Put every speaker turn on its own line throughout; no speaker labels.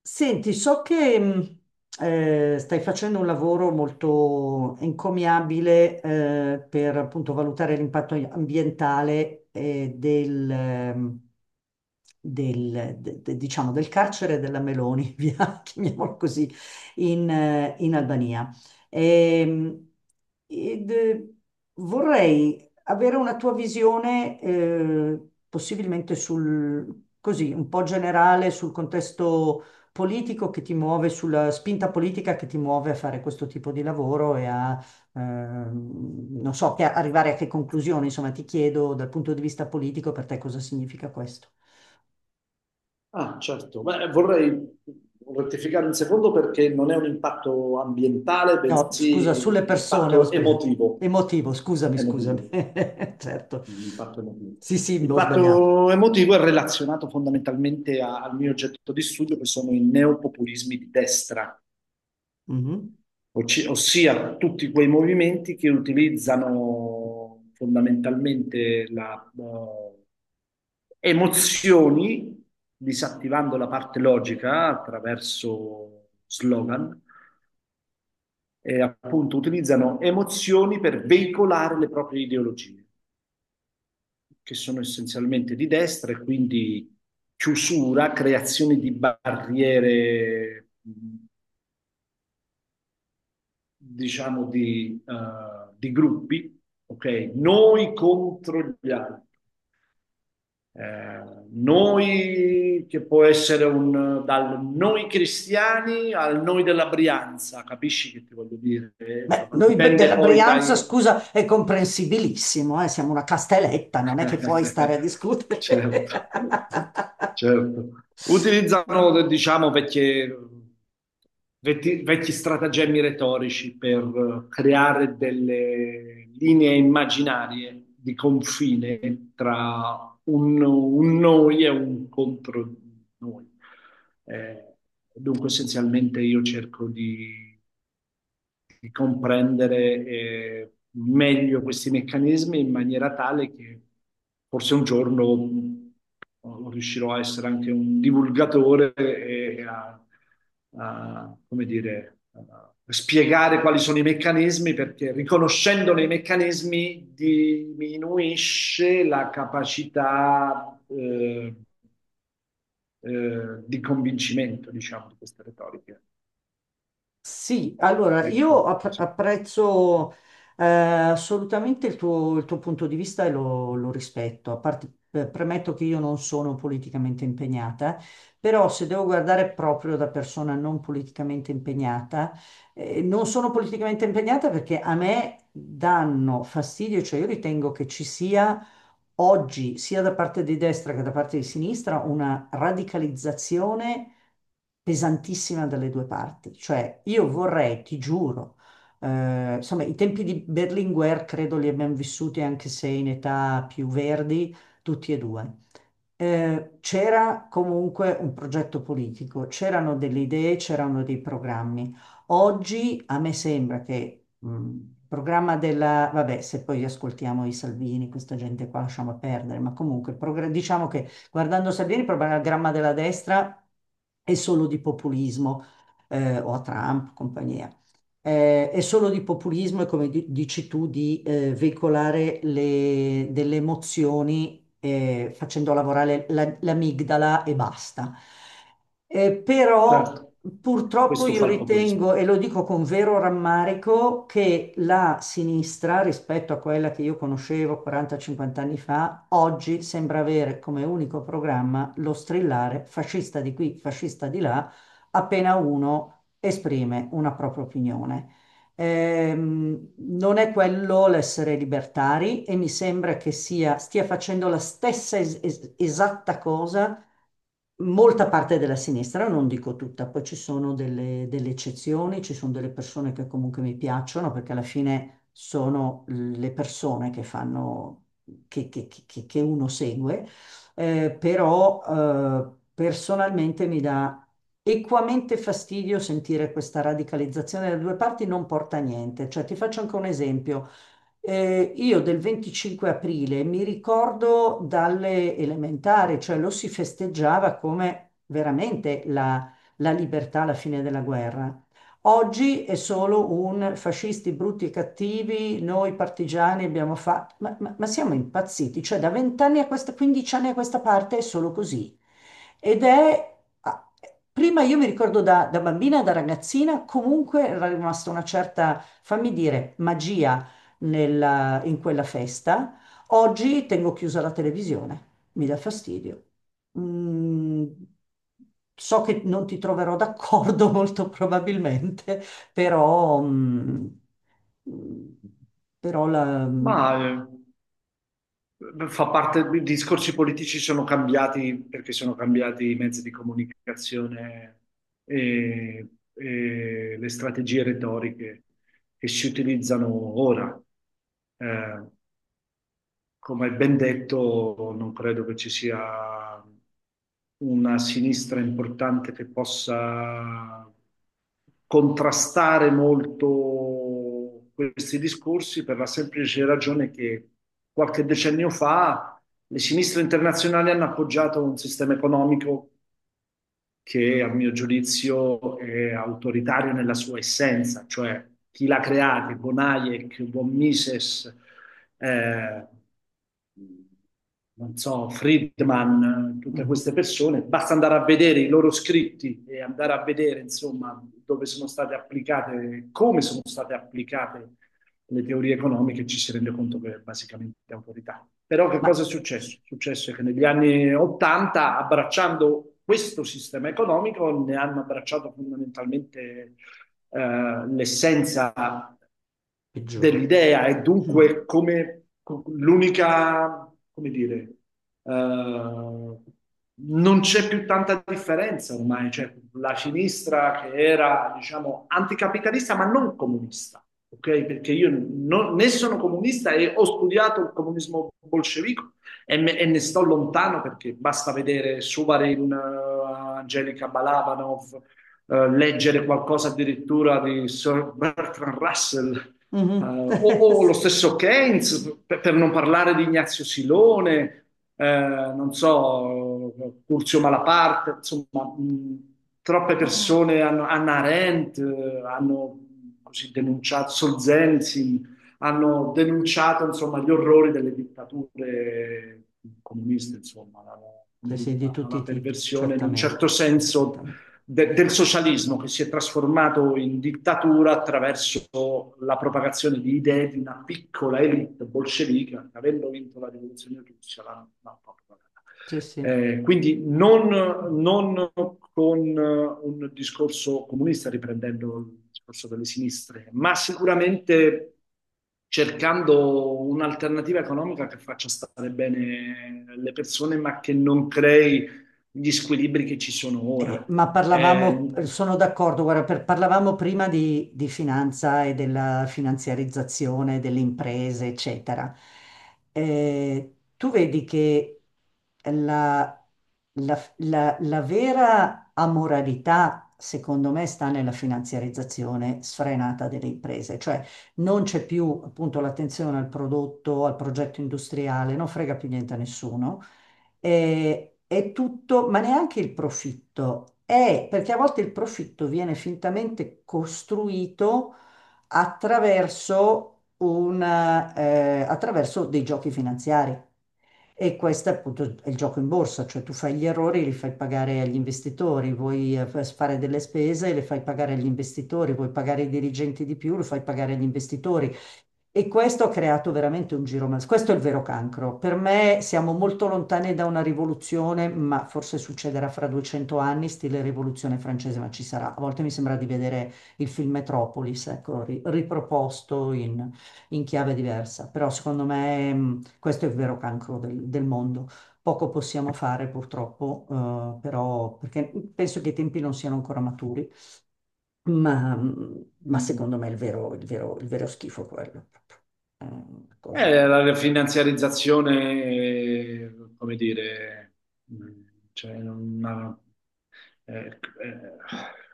Senti, so che stai facendo un lavoro molto encomiabile per appunto valutare l'impatto ambientale diciamo, del carcere della Meloni, via, chiamiamolo così, in Albania. Ehm, ed, eh, Vorrei avere una tua visione, possibilmente sul, così, un po' generale sul contesto politico che ti muove sulla spinta politica che ti muove a fare questo tipo di lavoro e a non so, che arrivare a che conclusione, insomma, ti chiedo dal punto di vista politico per te cosa significa questo.
Ah, certo. Beh, vorrei rettificare un secondo perché non è un impatto ambientale,
No, scusa,
bensì
sulle
un
persone ho
impatto
sbagliato.
emotivo.
Emotivo, scusami,
Emotivo.
scusami. Certo.
Un impatto emotivo.
Sì, sì, ho sbagliato.
L'impatto emotivo è relazionato fondamentalmente al mio oggetto di studio, che sono i neopopulismi di destra,
Mhm.
ossia tutti quei movimenti che utilizzano fondamentalmente emozioni, disattivando la parte logica attraverso slogan, e appunto utilizzano emozioni per veicolare le proprie ideologie, che sono essenzialmente di destra e quindi chiusura, creazione di barriere, diciamo, di gruppi, ok? Noi contro gli altri. Noi, che può essere un, dal noi cristiani al noi della Brianza, capisci che ti voglio dire?
Beh,
Insomma, dipende
della
poi
Brianza,
dai,
scusa, è comprensibilissimo, siamo una castelletta, non è che puoi stare a discutere.
certo, certo. Utilizzano, diciamo, vecchi stratagemmi retorici per creare delle linee immaginarie di confine tra un noi e un contro noi. Eh, Dunque, essenzialmente, io cerco di comprendere meglio questi meccanismi in maniera tale che forse un giorno riuscirò a essere anche un divulgatore e come dire, a spiegare quali sono i meccanismi, perché riconoscendone i meccanismi diminuisce la capacità di convincimento, diciamo, di queste retoriche.
Sì, allora io
Ecco, sì.
apprezzo assolutamente il tuo punto di vista e lo rispetto. A parte, premetto che io non sono politicamente impegnata, però se devo guardare proprio da persona non politicamente impegnata, non sono politicamente impegnata perché a me danno fastidio, cioè io ritengo che ci sia oggi, sia da parte di destra che da parte di sinistra, una radicalizzazione pesantissima dalle due parti. Cioè, io vorrei, ti giuro, insomma, i tempi di Berlinguer credo li abbiamo vissuti anche se in età più verdi, tutti e due. C'era comunque un progetto politico, c'erano delle idee, c'erano dei programmi. Oggi a me sembra che il programma della, vabbè, se poi ascoltiamo i Salvini, questa gente qua lasciamo perdere, ma comunque diciamo che guardando Salvini, il programma della destra è solo di populismo, o a Trump, compagnia è solo di populismo e come dici tu di veicolare delle emozioni facendo lavorare l'amigdala e basta. Però
Certo,
purtroppo
questo
io
fa il populismo.
ritengo, e lo dico con vero rammarico, che la sinistra rispetto a quella che io conoscevo 40-50 anni fa, oggi sembra avere come unico programma lo strillare fascista di qui, fascista di là appena uno esprime una propria opinione. Non è quello l'essere libertari e mi sembra che stia facendo la stessa esatta cosa molta parte della sinistra, non dico tutta, poi ci sono delle eccezioni, ci sono delle persone che comunque mi piacciono perché alla fine sono le persone che fanno, che uno segue, però personalmente mi dà equamente fastidio sentire questa radicalizzazione da due parti, non porta a niente. Cioè, ti faccio anche un esempio. Io del 25 aprile mi ricordo dalle elementari, cioè lo si festeggiava come veramente la libertà alla fine della guerra. Oggi è solo un fascisti brutti e cattivi, noi partigiani abbiamo fatto, ma, ma siamo impazziti, cioè da vent'anni a questa, 15 anni a questa parte è solo così. Ed è, ah, prima io mi ricordo da bambina, da ragazzina, comunque era rimasta una certa, fammi dire, magia in quella festa. Oggi tengo chiusa la televisione, mi dà fastidio. Mm, so che non ti troverò d'accordo molto probabilmente, però, mm, mm, però la,
Ma
mm,
fa parte, i discorsi politici sono cambiati perché sono cambiati i mezzi di comunicazione e, e le strategie retoriche che si utilizzano ora. Eh, Come ben detto, non credo che ci sia una sinistra importante che possa contrastare molto questi discorsi per la semplice ragione che qualche decennio fa le sinistre internazionali hanno appoggiato un sistema economico che a mio giudizio è autoritario nella sua essenza, cioè chi l'ha creato, von Hayek, von Mises, eh, non so, Friedman, tutte
mm,
queste persone, basta andare a vedere i loro scritti e andare a vedere, insomma, dove sono state applicate, come sono state applicate le teorie economiche ci si rende conto che è basicamente autorità. Però che
ma
cosa è
s-
successo? È successo che negli anni 80, abbracciando questo sistema economico, ne hanno abbracciato fondamentalmente l'essenza
peggiore.
dell'idea e
Mm.
dunque come l'unica, come dire, eh, non c'è più tanta differenza ormai, cioè la sinistra che era, diciamo, anticapitalista ma non comunista, ok? Perché io né sono comunista e ho studiato il comunismo bolscevico e ne sto lontano perché basta vedere Suvarin, Angelica Balabanov, leggere qualcosa addirittura di Sir Bertrand Russell,
Mhm.
o lo stesso Keynes, per non parlare di Ignazio Silone, non so, Curzio Malaparte, insomma, troppe persone hanno, Hannah Arendt, hanno così denunciato, Solzhenitsyn, hanno denunciato, insomma, gli orrori delle dittature comuniste, insomma, come
Sì,
dire,
sì, di tutti
la
i tipi,
perversione in un
certamente,
certo senso
certamente.
del socialismo che si è trasformato in dittatura attraverso la propagazione di idee di una piccola elite bolscevica che avendo vinto la rivoluzione russa l'hanno propagata.
Sì, sì.
Quindi non con un discorso comunista riprendendo il discorso delle sinistre, ma sicuramente cercando un'alternativa economica che faccia stare bene le persone, ma che non crei gli squilibri che ci sono ora.
Ma parlavamo,
Eh,
sono d'accordo, guarda, parlavamo prima di finanza e della finanziarizzazione delle imprese, eccetera. Tu vedi che la, la vera amoralità, secondo me, sta nella finanziarizzazione sfrenata delle imprese, cioè non c'è più appunto l'attenzione al prodotto, al progetto industriale, non frega più niente a nessuno, è tutto, ma neanche il profitto. È perché a volte il profitto viene fintamente costruito attraverso, attraverso dei giochi finanziari. E questo appunto è il gioco in borsa, cioè tu fai gli errori e li fai pagare agli investitori, vuoi fare delle spese e le fai pagare agli investitori, vuoi pagare i dirigenti di più, lo fai pagare agli investitori. E questo ha creato veramente un giro mal. Questo è il vero cancro. Per me siamo molto lontani da una rivoluzione, ma forse succederà fra 200 anni, stile rivoluzione francese, ma ci sarà. A volte mi sembra di vedere il film Metropolis, ecco, riproposto in chiave diversa. Però secondo me questo è il vero cancro del mondo. Poco possiamo fare purtroppo, però perché penso che i tempi non siano ancora maturi. Ma, ma secondo me
mm,
è il vero, il vero, il vero schifo quello. Proprio. È una cosa...
la finanziarizzazione, come dire, mm, cioè, non ha- eh, eh,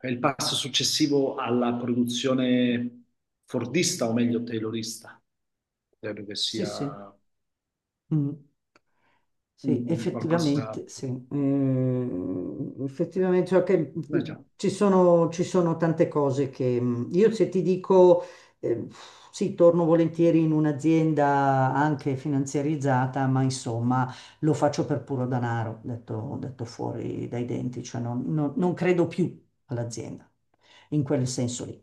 è il passo successivo alla produzione fordista o meglio taylorista. Credo che
Sì, sì.
sia
Mm. Sì,
un qualcosa,
effettivamente, sì. Mm, effettivamente, cioè che,
beh,
mm,
già,
ci sono tante cose che... Mm, io se ti dico, eh, sì, torno volentieri in un'azienda anche finanziarizzata, ma insomma lo faccio per puro danaro, detto, detto fuori dai denti, cioè non credo più all'azienda in quel senso lì.